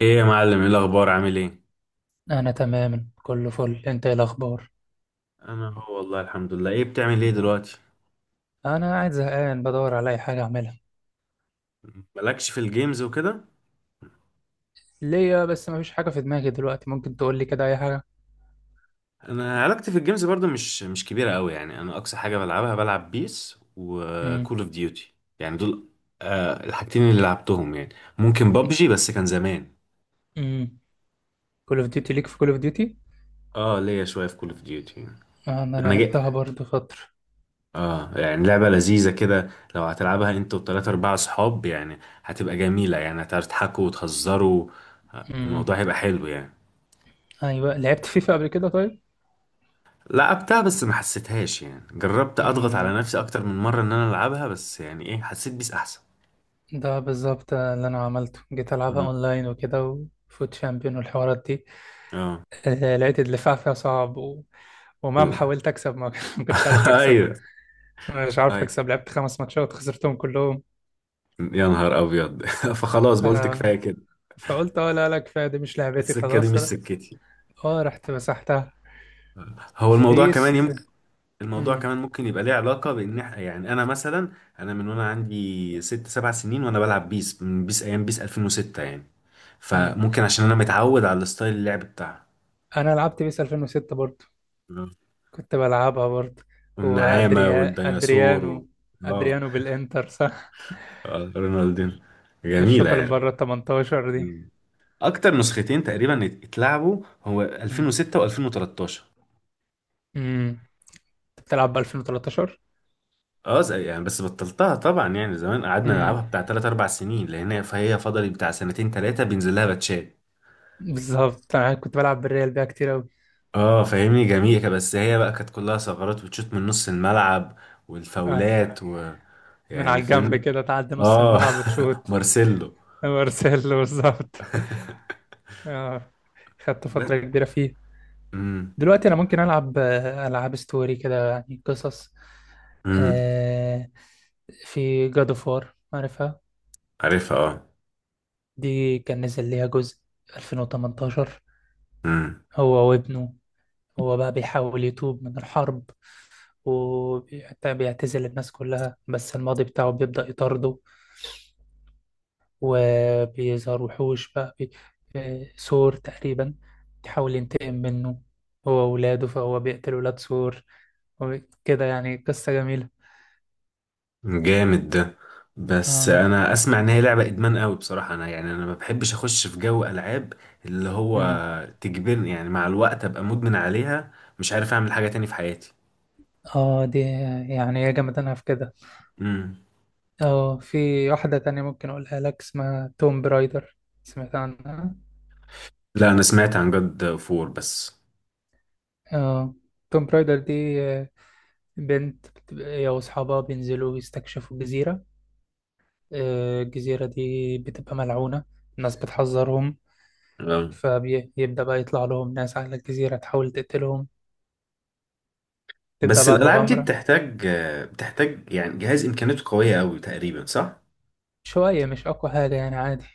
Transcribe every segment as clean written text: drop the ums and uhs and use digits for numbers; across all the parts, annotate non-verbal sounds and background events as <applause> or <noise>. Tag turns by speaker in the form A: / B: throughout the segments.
A: ايه يا معلم، ايه الاخبار؟ عامل ايه؟
B: انا تمام، كله فل. انت ايه الاخبار؟
A: انا هو والله الحمد لله. ايه بتعمل ايه دلوقتي؟
B: انا قاعد زهقان بدور على اي حاجه اعملها
A: مالكش في الجيمز وكده؟
B: ليا، بس مفيش حاجه في دماغي دلوقتي. ممكن تقول لي كده اي حاجه؟
A: انا علاقتي في الجيمز برضو مش كبيره قوي يعني. انا اقصى حاجه بلعبها بلعب بيس وكول
B: امم.
A: اوف ديوتي يعني، دول آه الحاجتين اللي لعبتهم يعني. ممكن بابجي بس كان زمان.
B: امم. كول اوف ديوتي، ليك في كول اوف ديوتي؟
A: اه ليا شويه في كول اوف ديوتي.
B: انا
A: انا جاي
B: لعبتها برضو فتره.
A: اه يعني لعبه لذيذه كده لو هتلعبها انت وثلاثة اربعة اصحاب يعني. هتبقى جميله يعني، هتعرفوا تضحكوا وتهزروا.
B: امم.
A: الموضوع هيبقى حلو يعني.
B: ايوه، لعبت فيفا قبل كده طيب؟
A: لعبتها بس ما حسيتهاش يعني. جربت اضغط
B: امم.
A: على نفسي اكتر من مرة ان انا العبها، بس يعني ايه حسيت بيس احسن.
B: ده بالظبط اللي انا عملته، جيت العبها
A: مم.
B: اونلاين وكده، وفوت شامبيون والحوارات دي.
A: اه
B: لقيت الدفاع فيها صعب، ومهما حاولت اكسب ما <laughs> ما كنتش
A: <laughs>
B: عارف اكسب.
A: ايوه.
B: مش عارف
A: ايوه
B: اكسب. لعبت خمس ماتشات خسرتهم كلهم.
A: يا نهار ابيض. <laughs> فخلاص بقولت
B: آه،
A: كفايه كده،
B: فقلت اه، لا لا، كفايه. دي مش لعبتي
A: السكه دي
B: خلاص.
A: مش سكتي.
B: اه، رحت مسحتها.
A: هو الموضوع كمان
B: بيس.
A: يمكن الموضوع
B: امم.
A: كمان ممكن يبقى ليه علاقه بان يعني انا مثلا انا من وانا عندي ست سبع سنين وانا بلعب بيس، من بيس ايام بيس 2006 يعني.
B: امم.
A: فممكن عشان انا متعود على الستايل اللعب بتاعها.
B: انا لعبت بيس 2006 برضو.
A: آه.
B: كنت بلعبها برضو.
A: والنعامه
B: وادريا
A: والديناصور
B: ادريانو.
A: اه،
B: ادريانو بالانتر، صح؟
A: آه، رونالدينو، جميلة
B: الشوطه اللي من
A: يعني.
B: بره ال 18 دي.
A: مم. أكتر نسختين تقريبا اتلعبوا هو
B: امم.
A: 2006 و2013.
B: امم. انت بتلعب ب 2013؟
A: اه يعني بس بطلتها طبعا يعني. زمان قعدنا نلعبها
B: امم.
A: بتاع 3 4 سنين، لأن فهي فضلت بتاع سنتين ثلاثة بينزل لها باتشات.
B: بالظبط، انا كنت بلعب بالريال بيها كتير قوي.
A: اه فاهمني، جميلة بس هي بقى كانت كلها ثغرات، وتشوت من نص الملعب
B: آه.
A: والفاولات و
B: من
A: يعني
B: على الجنب
A: فاهم.
B: كده، تعدي نص
A: اه
B: الملعب وتشوت.
A: <laughs> مارسيلو.
B: وارسل بالظبط. اه، خدت
A: ب...
B: فتره كبيره فيه.
A: امم،
B: دلوقتي انا ممكن العب العاب ستوري كده، يعني قصص.
A: امم،
B: آه، في جاد اوف وار، عارفها؟
A: عارفها.
B: دي كان نزل ليها جزء 2018.
A: اه
B: هو وابنه. هو بقى بيحاول يتوب من الحرب. وبيعتزل الناس كلها، بس الماضي بتاعه بيبدأ يطارده. وبيظهر وحوش بقى، بي... آه، سور تقريبا. بيحاول ينتقم منه. هو وولاده، فهو بيقتل ولاد سور. وكده يعني قصة جميلة.
A: جامد ده. بس
B: اه.
A: انا اسمع ان هي لعبه ادمان قوي بصراحه. انا يعني انا ما بحبش اخش في جو العاب اللي هو
B: امم.
A: تجبرني يعني مع الوقت ابقى مدمن عليها، مش عارف اعمل حاجه تاني في حياتي.
B: اه، دي يعني هي جامدانها في كده.
A: امم.
B: اه، في واحدة تانية ممكن اقولها لك، اسمها توم برايدر. سمعت عنها؟
A: لا انا سمعت عن جاد فور بس.
B: اه. توم برايدر دي آه، بنت، هي واصحابها بينزلوا يستكشفوا جزيرة. الجزيرة دي بتبقى ملعونة. الناس بتحذرهم.
A: آه.
B: فبيبدأ بقى يطلع لهم ناس على الجزيرة تحاول تقتلهم. تبدأ
A: بس
B: بقى
A: الالعاب دي
B: المغامرة.
A: بتحتاج، بتحتاج يعني جهاز امكانياته قويه قوي تقريبا، صح؟
B: شوية، مش أقوى حاجة يعني، عادي.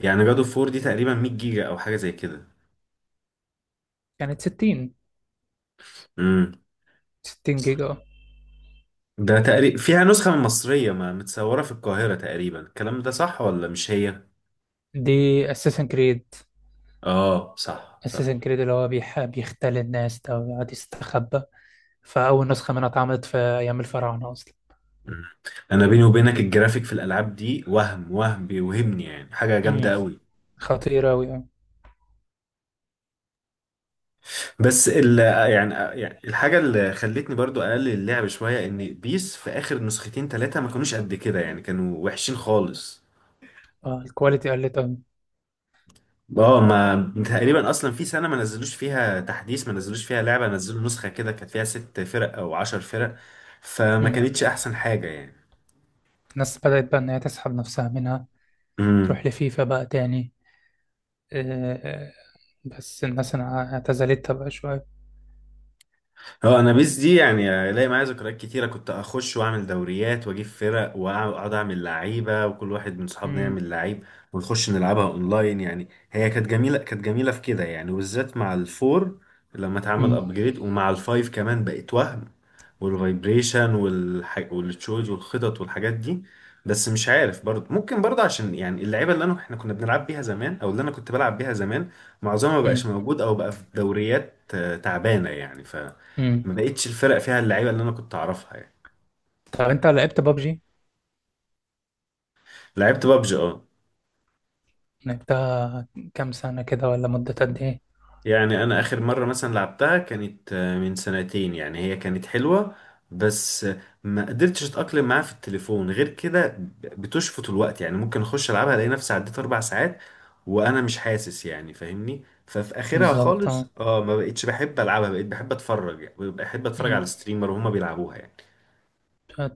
A: يعني جاد فور دي تقريبا 100 جيجا او حاجه زي كده.
B: كانت 60.
A: امم.
B: 60 جيجا.
A: ده تقريبا فيها نسخه مصريه، ما متصوره في القاهره تقريبا، الكلام ده صح ولا مش هي؟
B: دي أساسن كريد.
A: اه صح صح.
B: اساسن كريد اللي هو بيحب يختل الناس ده، ويقعد يستخبى. فاول نسخه منها اتعملت في ايام الفراعنه اصلا.
A: مم. انا بيني وبينك الجرافيك في الالعاب دي وهم، وهم بيوهمني يعني حاجه
B: امم.
A: جامده قوي.
B: خطيره قوي، اه.
A: بس ال يعني يعني الحاجه اللي خلتني برضو اقلل اللعب شويه ان بيس في اخر نسختين ثلاثه ما كانوش قد كده يعني، كانوا وحشين خالص.
B: الكواليتي قلت قوي.
A: اه ما تقريبا اصلا في سنه ما نزلوش فيها تحديث، ما نزلوش فيها لعبه، نزلوا نسخه كده كانت فيها ست فرق او عشر فرق، فما
B: امم.
A: كانتش احسن حاجه يعني.
B: الناس بدات بقى ان هي تسحب نفسها منها. تروح
A: امم.
B: لفيفا بقى تاني. آه، آه، بس الناس اعتزلتها بقى شويه.
A: هو انا بيس دي يعني الاقي معايا ذكريات كتيره. كنت اخش واعمل دوريات واجيب فرق واقعد اعمل لعيبه وكل واحد من صحابنا
B: امم.
A: يعمل لعيب ونخش نلعبها اونلاين يعني. هي كانت جميله، كانت جميله في كده يعني، وبالذات مع الفور لما اتعمل
B: امم.
A: ابجريد، ومع الفايف كمان بقت وهم. والفايبريشن والتشوز والخطط والحاجات دي. بس مش عارف برضه، ممكن برضه عشان يعني اللعيبه اللي انا احنا كنا بنلعب بيها زمان، او اللي انا كنت بلعب بيها زمان معظمها ما بقاش
B: امم.
A: موجود، او بقى في دوريات آه، تعبانه يعني،
B: أمم.
A: ما بقتش الفرق فيها اللعيبه اللي انا كنت اعرفها يعني.
B: طب انت لعبت بابجي؟
A: لعبت بابجي اه.
B: لعبتها. كام سنه كده، ولا مده قد ايه؟
A: يعني انا اخر مره مثلا لعبتها كانت آه، من سنتين. يعني هي كانت حلوه بس آه، ما قدرتش اتاقلم معاها في التليفون، غير كده بتشفط الوقت يعني، ممكن اخش العبها الاقي نفسي عديت اربع ساعات وانا مش حاسس يعني فاهمني. ففي اخرها
B: بالظبط.
A: خالص
B: آه.
A: اه ما بقتش بحب العبها، بقيت بحب اتفرج يعني، بحب اتفرج على
B: مم.
A: الستريمر وهما بيلعبوها يعني.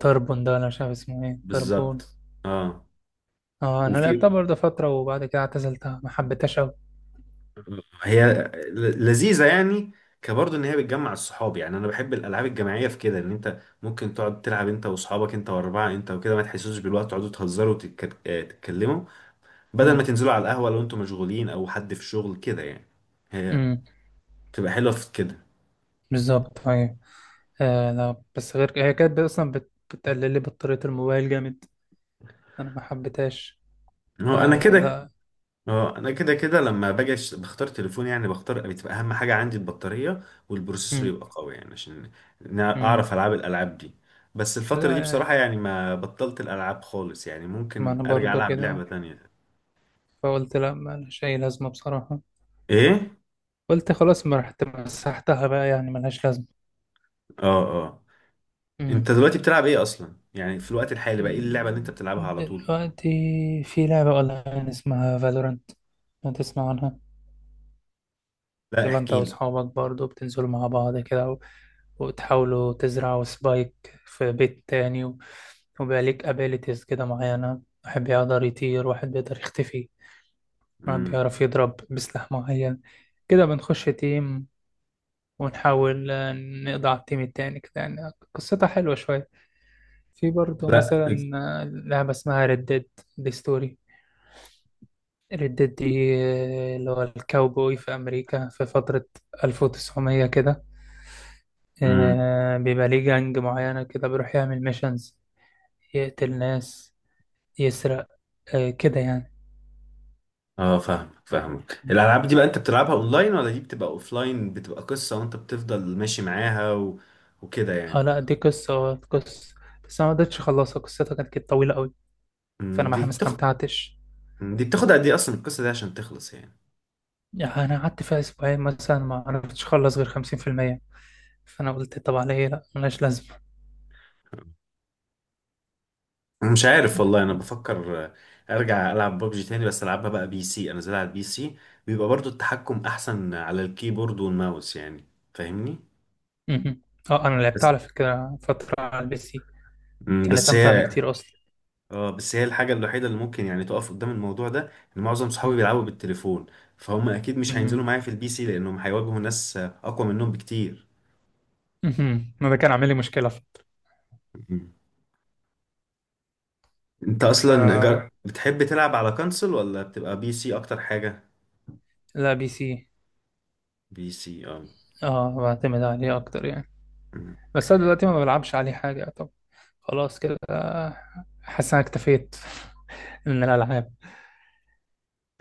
B: تربون ده، انا مش عارف اسمه ايه. تربون.
A: بالظبط اه.
B: اه، انا لعبتها
A: وفي
B: برضه فترة، وبعد كده اعتزلتها، ما حبيتهاش اوي.
A: هي لذيذة يعني كبرضه ان هي بتجمع الصحاب يعني. انا بحب الالعاب الجماعية في كده ان انت ممكن تقعد تلعب انت واصحابك، انت واربعة انت وكده ما تحسوش بالوقت، تقعدوا تهزروا آه، تتكلموا بدل ما
B: مم.
A: تنزلوا على القهوة لو انتوا مشغولين او حد في شغل كده يعني. هي
B: مم.
A: بتبقى حلوة في كده.
B: بالظبط، ايوه. لا، بس غير هي كانت اصلا بتقلل لي بطارية الموبايل جامد. انا ما حبيتهاش.
A: هو انا كده،
B: فلا.
A: اه انا كده كده لما باجي بختار تليفون يعني، بختار بتبقى اهم حاجه عندي البطاريه والبروسيسور
B: مم.
A: يبقى قوي يعني، عشان
B: مم.
A: اعرف العاب الالعاب دي. بس الفتره
B: لا
A: دي بصراحه
B: يعني.
A: يعني ما بطلت الالعاب خالص يعني،
B: ما
A: ممكن
B: انا
A: ارجع
B: برضه
A: العب
B: كده.
A: لعبه تانية.
B: فقلت لا، ما لهاش اي لازمة بصراحة.
A: ايه؟
B: قلت خلاص، ما رحت مسحتها بقى، يعني ملهاش لازمة.
A: اه، اه.
B: مم.
A: انت دلوقتي بتلعب ايه اصلا يعني؟ في الوقت الحالي بقى ايه اللعبه اللي انت بتلعبها على طول؟
B: دلوقتي في لعبة أونلاين اسمها فالورانت. ما تسمع عنها؟
A: لا
B: تبقى أنت
A: احكي لي.
B: وأصحابك برضو بتنزلوا مع بعض كده، وتحاولوا تزرعوا سبايك في بيت تاني، وبقى ليك أبيليتيز كده معينة. واحد بيقدر يطير، واحد بيقدر يختفي. واحد
A: امم.
B: بيعرف يضرب بسلاح معين. كده بنخش تيم. ونحاول نقضي على التيم التاني كده، يعني قصتها حلوة شوية. في برضو
A: لا.
B: مثلا. لعبة اسمها ريد ديد. دي ستوري. ردت دي اللي هو الكاوبوي في أمريكا في فترة 1900 كده.
A: امم.
B: بيبقى ليه جانج معينة كده، بيروح يعمل ميشنز. يقتل ناس. يسرق. كده يعني.
A: اه فاهمك، فاهمك. الالعاب دي بقى انت بتلعبها اونلاين، ولا دي بتبقى اوفلاين بتبقى قصة وانت بتفضل ماشي معاها و... وكده يعني؟
B: اه، لا دي قصة قصة. بس أنا ما قدرتش أخلصها. قصتها كانت طويلة أوي. فأنا
A: أمم، دي
B: ما
A: بتاخد،
B: استمتعتش.
A: دي بتاخد قد ايه اصلا القصة دي عشان تخلص يعني؟
B: يعني أنا قعدت فيها أسبوعين مثلا، ما عرفتش أخلص غير 50%. فأنا قلت طب على إيه؟ لأ، ملهاش لازمة.
A: أنا مش عارف والله. انا بفكر آه، ارجع العب ببجي تاني، بس العبها بقى بي سي، انا زي على البي سي بيبقى برضو التحكم احسن على الكيبورد والماوس يعني، فاهمني.
B: مهم. اه، أنا لعبتها
A: بس
B: على فكرة فترة على البي سي.
A: أمم،
B: كانت
A: بس
B: أمتع
A: هي
B: بكتير أصلا.
A: اه بس هي الحاجة الوحيدة اللي ممكن يعني تقف قدام الموضوع ده، ان معظم صحابي بيلعبوا بالتليفون، فهم اكيد مش هينزلوا
B: مهم.
A: معايا في البي سي لانهم هيواجهوا ناس اقوى منهم بكتير.
B: مهم. ما ده كان عامل لي مشكلة.
A: مم. انت
B: ف-
A: اصلا بتحب تلعب على كونسول، ولا بتبقى بي سي اكتر حاجة؟
B: لا، بي سي.
A: بي سي اه.
B: اه، بعتمد عليه أكتر يعني.
A: مم.
B: بس أنا دلوقتي ما بلعبش عليه حاجة. طب، خلاص كده. حاسس إن أنا اكتفيت <laughs> من الألعاب.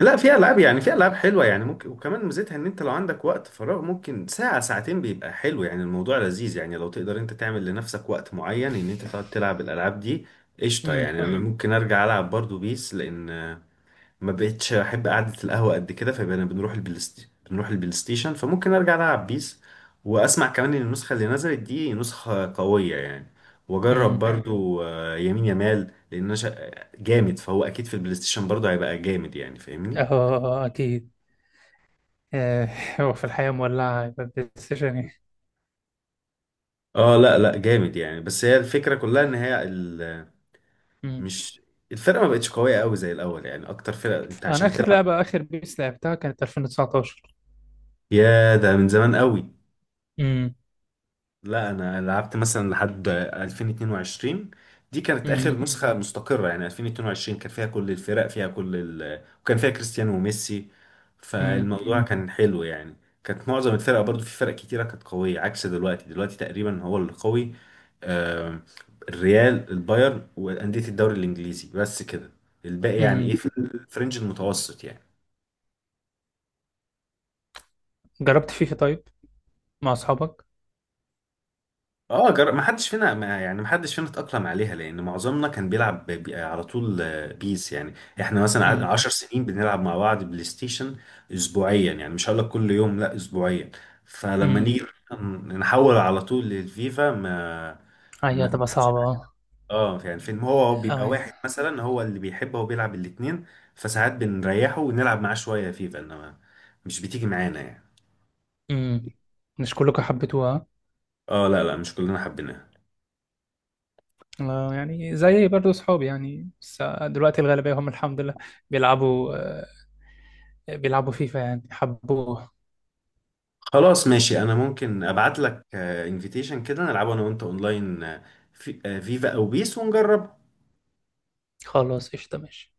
A: لا في العاب يعني، في
B: آه.
A: العاب حلوة يعني ممكن، وكمان ميزتها ان انت لو عندك وقت فراغ ممكن ساعة ساعتين بيبقى حلو يعني الموضوع لذيذ يعني، لو تقدر انت تعمل لنفسك وقت معين ان انت تقعد تلعب الالعاب دي. قشطة
B: مم.
A: يعني، انا ممكن ارجع العب برضو بيس، لان ما بقتش احب قعده القهوه قد كده، فبقينا بنروح بنروح البلاي ستيشن، فممكن ارجع العب بيس. واسمع كمان ان النسخه اللي نزلت دي نسخه قويه يعني، واجرب
B: مم.
A: برضو آه، يمين يمال لان انا جامد، فهو اكيد في البلاي ستيشن برضو هيبقى جامد يعني فاهمني.
B: اه، أكيد. آه، هو في الحياة مولعة، يبقى بلاي ستيشن إيه؟
A: اه لا لا جامد يعني، بس هي الفكره كلها ان هي
B: مم.
A: مش الفرقه ما بقتش قويه قوي زي الاول يعني، اكتر فرقه انت
B: أنا
A: عشان تلعب.
B: آخر بيس لعبتها كانت 2019.
A: يا ده من زمان قوي.
B: مم.
A: لا انا لعبت مثلا لحد 2022. دي كانت اخر
B: مم.
A: نسخه مستقره يعني، 2022 كان فيها كل الفرق، فيها كل ال... وكان فيها كريستيانو وميسي،
B: مم.
A: فالموضوع كان حلو يعني. كانت معظم الفرق برضو، في فرق كتيره كانت قويه، عكس دلوقتي. دلوقتي تقريبا هو اللي قوي، آه، الريال البايرن وانديه الدوري الانجليزي بس كده، الباقي يعني
B: مم.
A: ايه في الفرنج المتوسط يعني.
B: جربت فيفا طيب، مع أصحابك؟
A: اه ما حدش فينا، ما يعني ما حدش فينا اتأقلم عليها، لأن معظمنا كان بيلعب على طول آه، بيس يعني. احنا مثلا
B: مم.
A: عشر سنين بنلعب مع بعض بلاي ستيشن أسبوعيا يعني، مش هقول لك كل يوم، لا أسبوعيا. فلما
B: مم.
A: نيجي نحول على طول للفيفا،
B: هي
A: ما
B: هتبقى
A: جاتش معايا.
B: صعبة.
A: اه يعني فين، هو
B: اه
A: بيبقى
B: يعني.
A: واحد مثلا هو اللي بيحب، هو بيلعب الاتنين، فساعات بنريحه ونلعب معاه شوية فيفا، إنما مش بتيجي معانا يعني.
B: امم. مش كلكم حبيتوها؟
A: اه لا لا مش كلنا حبيناها.
B: يعني زي برضو صحابي يعني، بس دلوقتي الغالبية هم الحمد لله، بيلعبوا آه بيلعبوا فيفا، يعني حبوها.
A: خلاص ماشي، انا ممكن ابعت لك انفيتيشن كده نلعبه انا وانت اونلاين آه، في آه، فيفا او بيس ونجرب.
B: خلاص، قشطة، ماشي.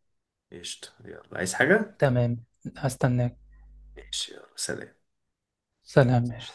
A: قشطة، يلا عايز حاجة؟
B: تمام. هستناك.
A: ماشي، يلا سلام.
B: سلام، ماشي.